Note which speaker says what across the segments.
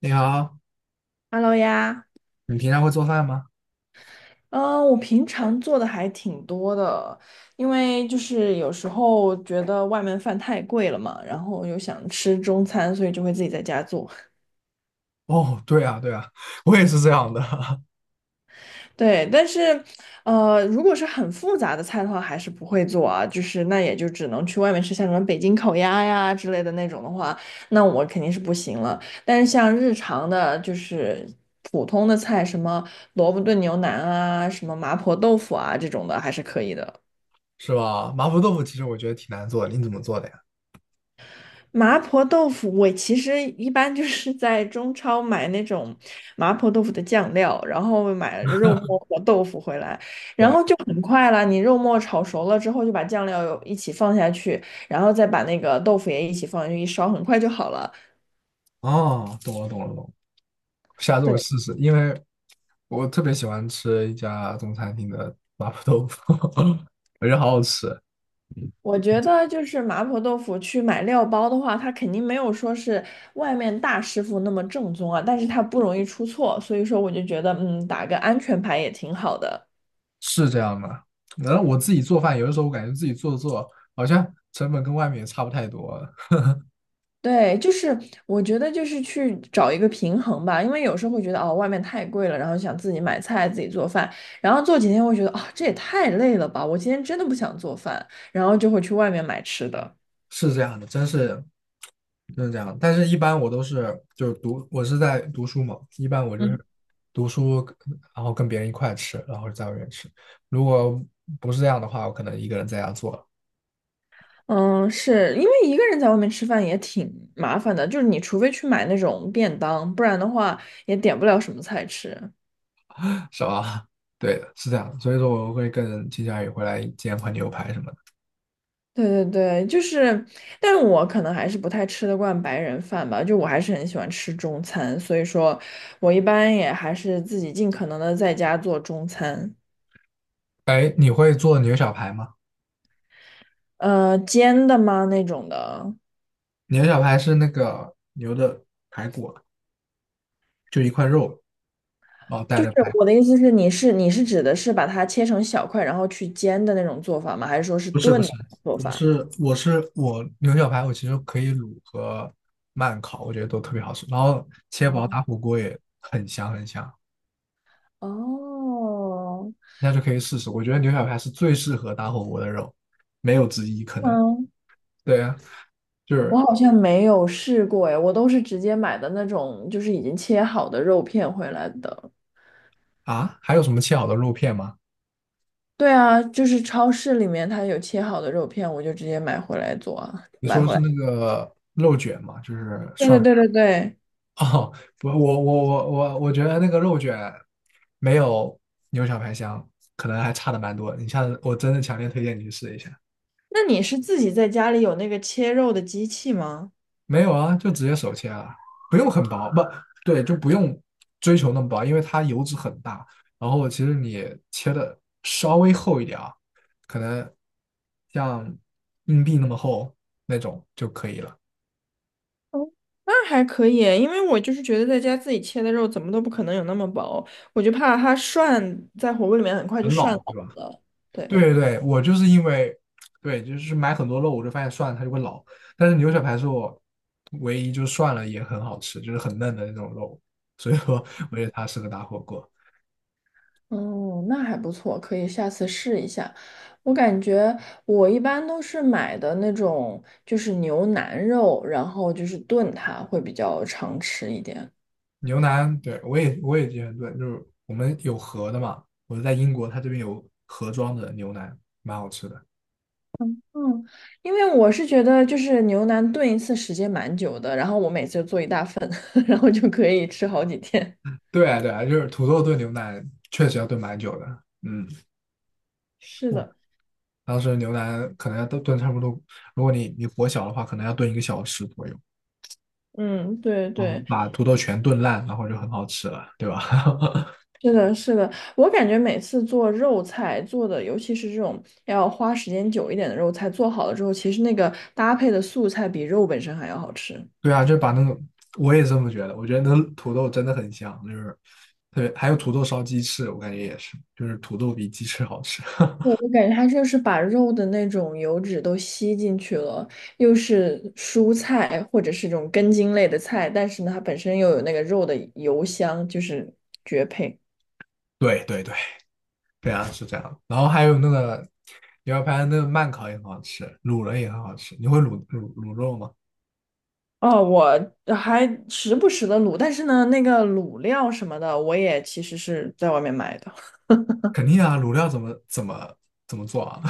Speaker 1: 你好，
Speaker 2: Hello 呀。
Speaker 1: 你平常会做饭吗？
Speaker 2: 嗯，我平常做的还挺多的，因为就是有时候觉得外面饭太贵了嘛，然后又想吃中餐，所以就会自己在家做。
Speaker 1: 哦，对啊，对啊，我也是这样的，
Speaker 2: 对，但是，如果是很复杂的菜的话，还是不会做啊，就是那也就只能去外面吃，像什么北京烤鸭呀之类的那种的话，那我肯定是不行了。但是像日常的，就是普通的菜，什么萝卜炖牛腩啊，什么麻婆豆腐啊这种的，还是可以的。
Speaker 1: 是吧？麻婆豆腐其实我觉得挺难做的，你怎么做的呀？
Speaker 2: 麻婆豆腐，我其实一般就是在中超买那种麻婆豆腐的酱料，然后买肉末和豆腐回来，然
Speaker 1: 懂
Speaker 2: 后
Speaker 1: 了
Speaker 2: 就很快了。你肉末炒熟了之后，就把酱料一起放下去，然后再把那个豆腐也一起放进去一烧，很快就好了。
Speaker 1: 哦，懂了，懂了，懂了。下次我
Speaker 2: 对，
Speaker 1: 试试，因为我特别喜欢吃一家中餐厅的麻婆豆腐，我觉得好好吃。嗯
Speaker 2: 我觉得就是麻婆豆腐去买料包的话，它肯定没有说是外面大师傅那么正宗啊，但是它不容易出错，所以说我就觉得，嗯，打个安全牌也挺好的。
Speaker 1: 是这样吗？然后我自己做饭，有的时候我感觉自己做做好像成本跟外面也差不太多，
Speaker 2: 对，就是我觉得就是去找一个平衡吧，因为有时候会觉得哦，外面太贵了，然后想自己买菜自己做饭，然后做几天会觉得啊、这也太累了吧，我今天真的不想做饭，然后就会去外面买吃的。
Speaker 1: 是这样的，真是就是这样。但是，一般我都是就是读，我是在读书嘛，一般我就是
Speaker 2: 嗯，
Speaker 1: 读书，然后跟别人一块吃，然后在外面吃。如果不是这样的话，我可能一个人在家做
Speaker 2: 嗯，
Speaker 1: 对，
Speaker 2: 是因为一个人在外面吃饭也挺麻烦的，就是你除非去买那种便当，不然的话也点不了什么菜吃。
Speaker 1: 是吧？对的，是这样的，所以说，我会更倾向于回来煎块牛排什么的。
Speaker 2: 对对对，就是，但是我可能还是不太吃得惯白人饭吧，就我还是很喜欢吃中餐，所以说，我一般也还是自己尽可能的在家做中餐。
Speaker 1: 哎，你会做牛小排吗？
Speaker 2: 煎的吗那种的，
Speaker 1: 牛小排是那个牛的排骨，就一块肉，然后带
Speaker 2: 就是
Speaker 1: 着排。
Speaker 2: 我的意思是，你是指的是把它切成小块，然后去煎的那种做法吗？还是说是
Speaker 1: 不是
Speaker 2: 炖
Speaker 1: 不是，
Speaker 2: 的做
Speaker 1: 我
Speaker 2: 法？
Speaker 1: 是我是我牛小排，我其实可以卤和慢烤，我觉得都特别好吃。然后切薄
Speaker 2: 哦
Speaker 1: 打火锅也很香很香，
Speaker 2: 哦，
Speaker 1: 大家就可以试试。我觉得牛小排是最适合打火锅的肉，没有之一可能。
Speaker 2: 嗯，
Speaker 1: 对啊，就
Speaker 2: 我
Speaker 1: 是
Speaker 2: 好像没有试过哎，我都是直接买的那种，就是已经切好的肉片回来的。
Speaker 1: 啊，还有什么切好的肉片吗？
Speaker 2: 对啊，就是超市里面它有切好的肉片，我就直接买回来做啊，
Speaker 1: 你
Speaker 2: 买
Speaker 1: 说的
Speaker 2: 回
Speaker 1: 是
Speaker 2: 来。
Speaker 1: 那个肉卷吗？就是
Speaker 2: 对
Speaker 1: 算
Speaker 2: 对对对对。
Speaker 1: 哦，不，我觉得那个肉卷没有牛小排香，可能还差的蛮多。你下次我真的强烈推荐你去试一下。
Speaker 2: 那你是自己在家里有那个切肉的机器吗？
Speaker 1: 没有啊，就直接手切啊，不用很薄，不对，就不用追求那么薄，因为它油脂很大。然后其实你切的稍微厚一点啊，可能像硬币那么厚那种就可以了，
Speaker 2: 哦那还可以，因为我就是觉得在家自己切的肉怎么都不可能有那么薄，我就怕它涮在火锅里面很快就
Speaker 1: 很
Speaker 2: 涮
Speaker 1: 老，
Speaker 2: 老
Speaker 1: 对吧？
Speaker 2: 了。
Speaker 1: 对
Speaker 2: 对，
Speaker 1: 对对，我就是因为对，就是买很多肉，我就发现涮了它就会老，但是牛小排是我唯一就涮了也很好吃，就是很嫩的那种肉，所以说我觉得它适合打火锅。
Speaker 2: 哦，那还不错，可以下次试一下。我感觉我一般都是买的那种，就是牛腩肉，然后就是炖它会比较常吃一点。
Speaker 1: 牛腩，对，我也经常炖，就是我们有盒的嘛，我在英国，它这边有盒装的牛腩，蛮好吃的。
Speaker 2: 嗯，因为我是觉得就是牛腩炖一次时间蛮久的，然后我每次就做一大份，然后就可以吃好几天。
Speaker 1: 对啊，对啊，就是土豆炖牛腩确实要炖蛮久的，嗯，
Speaker 2: 是
Speaker 1: 我
Speaker 2: 的，
Speaker 1: 当时牛腩可能要炖炖差不多，如果你火小的话，可能要炖一个小时左右，
Speaker 2: 嗯，对
Speaker 1: 嗯，
Speaker 2: 对。
Speaker 1: 把土豆全炖烂，然后就很好吃了，对吧？
Speaker 2: 是的，是的，我感觉每次做肉菜做的，尤其是这种要花时间久一点的肉菜，做好了之后，其实那个搭配的素菜比肉本身还要好吃。
Speaker 1: 对啊，就把那个，我也这么觉得，我觉得那土豆真的很香，就是特别，还有土豆烧鸡翅，我感觉也是，就是土豆比鸡翅好吃。
Speaker 2: 对，我感觉它就是把肉的那种油脂都吸进去了，又是蔬菜或者是这种根茎类的菜，但是呢，它本身又有那个肉的油香，就是
Speaker 1: 对对对，对啊，是这样。然后还有那个牛排的那个慢烤也很好吃，卤了也很好吃。你会卤肉吗？
Speaker 2: 哦，我还时不时的卤，但是呢，那个卤料什么的，我也其实是在外面买的。
Speaker 1: 肯定啊，卤料怎么做啊？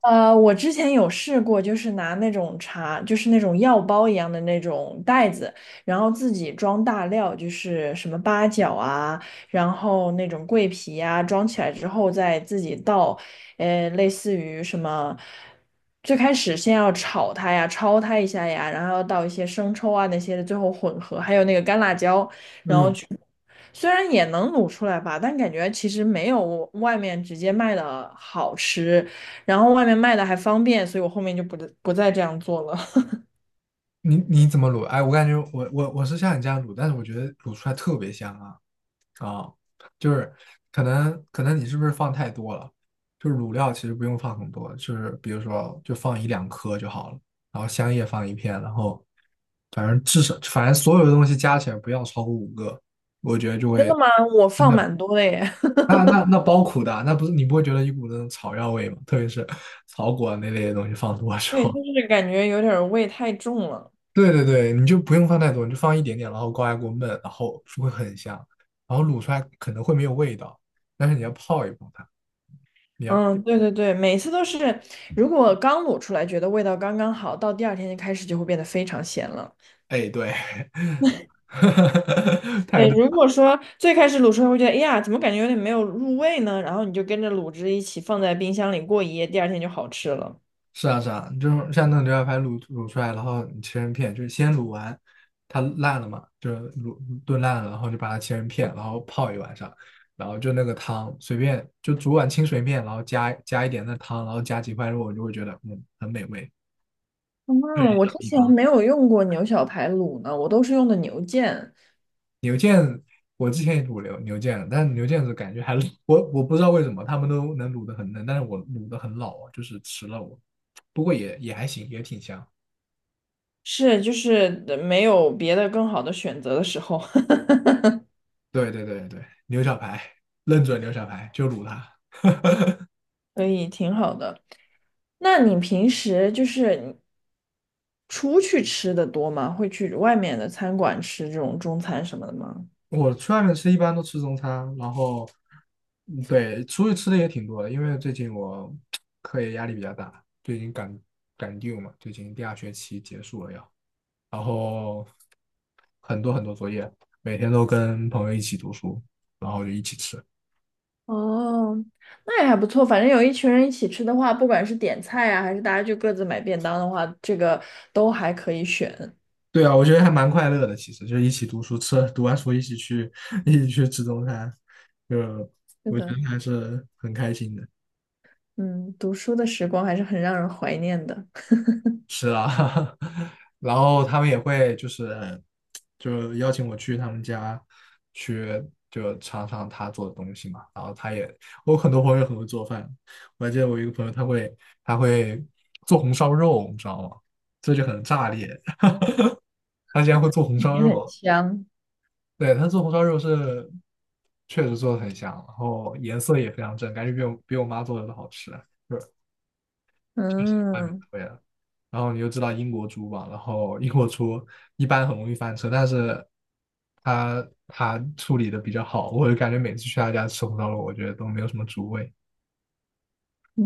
Speaker 2: 我之前有试过，就是拿那种茶，就是那种药包一样的那种袋子，然后自己装大料，就是什么八角啊，然后那种桂皮啊，装起来之后再自己倒，类似于什么，最开始先要炒它呀，焯它一下呀，然后要倒一些生抽啊那些的，最后混合，还有那个干辣椒，
Speaker 1: 嗯，
Speaker 2: 虽然也能卤出来吧，但感觉其实没有外面直接卖的好吃，然后外面卖的还方便，所以我后面就不再这样做了。
Speaker 1: 你你怎么卤？哎，我感觉我是像你这样卤，但是我觉得卤出来特别香啊。啊，就是可能你是不是放太多了？就是卤料其实不用放很多，就是比如说就放一两颗就好了，然后香叶放一片，然后反正至少反正所有的东西加起来不要超过五个，我觉得就
Speaker 2: 真的
Speaker 1: 会
Speaker 2: 吗？我
Speaker 1: 真
Speaker 2: 放
Speaker 1: 的
Speaker 2: 蛮多的耶。
Speaker 1: 那包苦的啊，那不是你不会觉得一股那种草药味吗？特别是 草果那类的东西放多的 时
Speaker 2: 对，就
Speaker 1: 候，
Speaker 2: 是感觉有点儿味太重了。
Speaker 1: 对对对，你就不用放太多，你就放一点点，然后高压锅焖，然后就会很香，然后卤出来可能会没有味道，但是你要泡一泡它。
Speaker 2: 嗯，对对对，每次都是，如果刚卤出来觉得味道刚刚好，到第二天就开始就会变得非常咸了。
Speaker 1: 哎，对，太
Speaker 2: 对，
Speaker 1: 对，
Speaker 2: 如果说最开始卤出来会觉得，哎呀，怎么感觉有点没有入味呢？然后你就跟着卤汁一起放在冰箱里过一夜，第二天就好吃了。
Speaker 1: 是啊是啊，就是像那种牛小排卤出来，然后你切成片，就是先卤完，它烂了嘛，就是卤炖烂了，然后就把它切成片，然后泡一晚上，然后就那个汤随便就煮碗清水面，然后加一点那汤，然后加几块肉，你就会觉得嗯很美味。
Speaker 2: 嗯，我之前没有用过牛小排卤呢，我都是用的牛腱，
Speaker 1: 牛腱，我之前也卤牛腱了，但是牛腱子感觉还是我我不知道为什么他们都能卤的很嫩，但是我卤的很老啊，就是吃了我，不过也还行，也挺香。
Speaker 2: 是就是没有别的更好的选择的时候，
Speaker 1: 对对对对，牛小排，认准牛小排就卤它。
Speaker 2: 所以挺好的。那你平时就是你出去吃的多吗？会去外面的餐馆吃这种中餐什么的吗？
Speaker 1: 我去外面吃一般都吃中餐，然后嗯对出去吃的也挺多的，因为最近我课业压力比较大，最近赶 due 嘛，最近第二学期结束了要，然后很多很多作业，每天都跟朋友一起读书，然后就一起吃。
Speaker 2: 哦，那也还不错，反正有一群人一起吃的话，不管是点菜啊，还是大家就各自买便当的话，这个都还可以选。
Speaker 1: 对啊，我觉得还蛮快乐的，其实就一起读书吃，读完书一起去 一起去吃中餐，就
Speaker 2: 是
Speaker 1: 我觉
Speaker 2: 的，
Speaker 1: 得还是很开心的。
Speaker 2: 嗯，读书的时光还是很让人怀念的。
Speaker 1: 是啊，然后他们也会就是就邀请我去他们家去就尝尝他做的东西嘛。然后他也，我很多朋友很会做饭，我还记得我一个朋友他会他会做红烧肉，你知道吗？这就很炸裂。他竟然会做红烧
Speaker 2: 也很
Speaker 1: 肉，
Speaker 2: 香。
Speaker 1: 对，他做红烧肉是确实做的很香，然后颜色也非常正，感觉比我妈做的都好吃啊，就是确实外面的
Speaker 2: 嗯
Speaker 1: 味道。然后你就知道英国猪吧，然后英国猪一般很容易翻车，但是他处理的比较好，我就感觉每次去他家吃红烧肉，我觉得都没有什么猪味，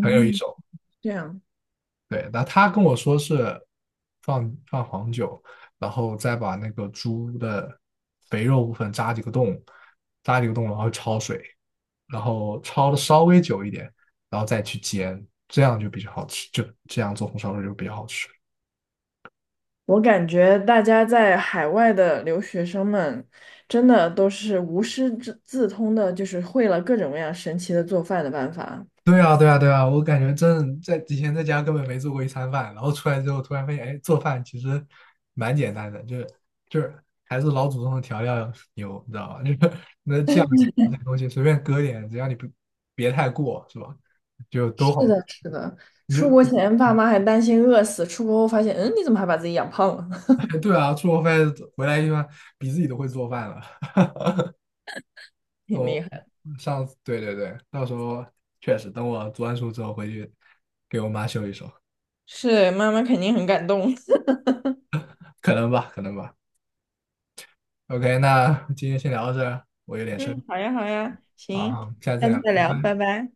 Speaker 1: 很有一手。
Speaker 2: 这样，
Speaker 1: 对，那他跟我说是放黄酒，然后再把那个猪的肥肉部分扎几个洞，然后焯水，然后焯的稍微久一点，然后再去煎，这样就比较好吃，就这样做红烧肉就比较好吃。
Speaker 2: 我感觉大家在海外的留学生们，真的都是无师自自通的，就是会了各种各样神奇的做饭的办法。
Speaker 1: 对啊，对啊，对啊，我感觉真在以前在家根本没做过一餐饭，然后出来之后突然发现，哎，做饭其实蛮简单的，就是就是还是老祖宗的调料牛，你知道吧？就是那酱油那东西随便搁点，只要你不别太过，是吧？就都
Speaker 2: 是
Speaker 1: 好，
Speaker 2: 的，是的，
Speaker 1: 你就
Speaker 2: 出国前爸妈还担心饿死，出国后发现，嗯，你怎么还把自己养胖了？
Speaker 1: 对啊，出国发现回来一般比自己都会做饭了。
Speaker 2: 挺厉
Speaker 1: 我
Speaker 2: 害的。
Speaker 1: 上次对对对，到时候确实等我读完书之后回去给我妈秀一手，
Speaker 2: 是，妈妈肯定很感动。
Speaker 1: 可能吧，可能吧。OK，那今天先聊到这儿，我有点事儿，
Speaker 2: 嗯，好呀，好呀，行，
Speaker 1: 好，下次再
Speaker 2: 下次
Speaker 1: 聊，
Speaker 2: 再聊，拜拜。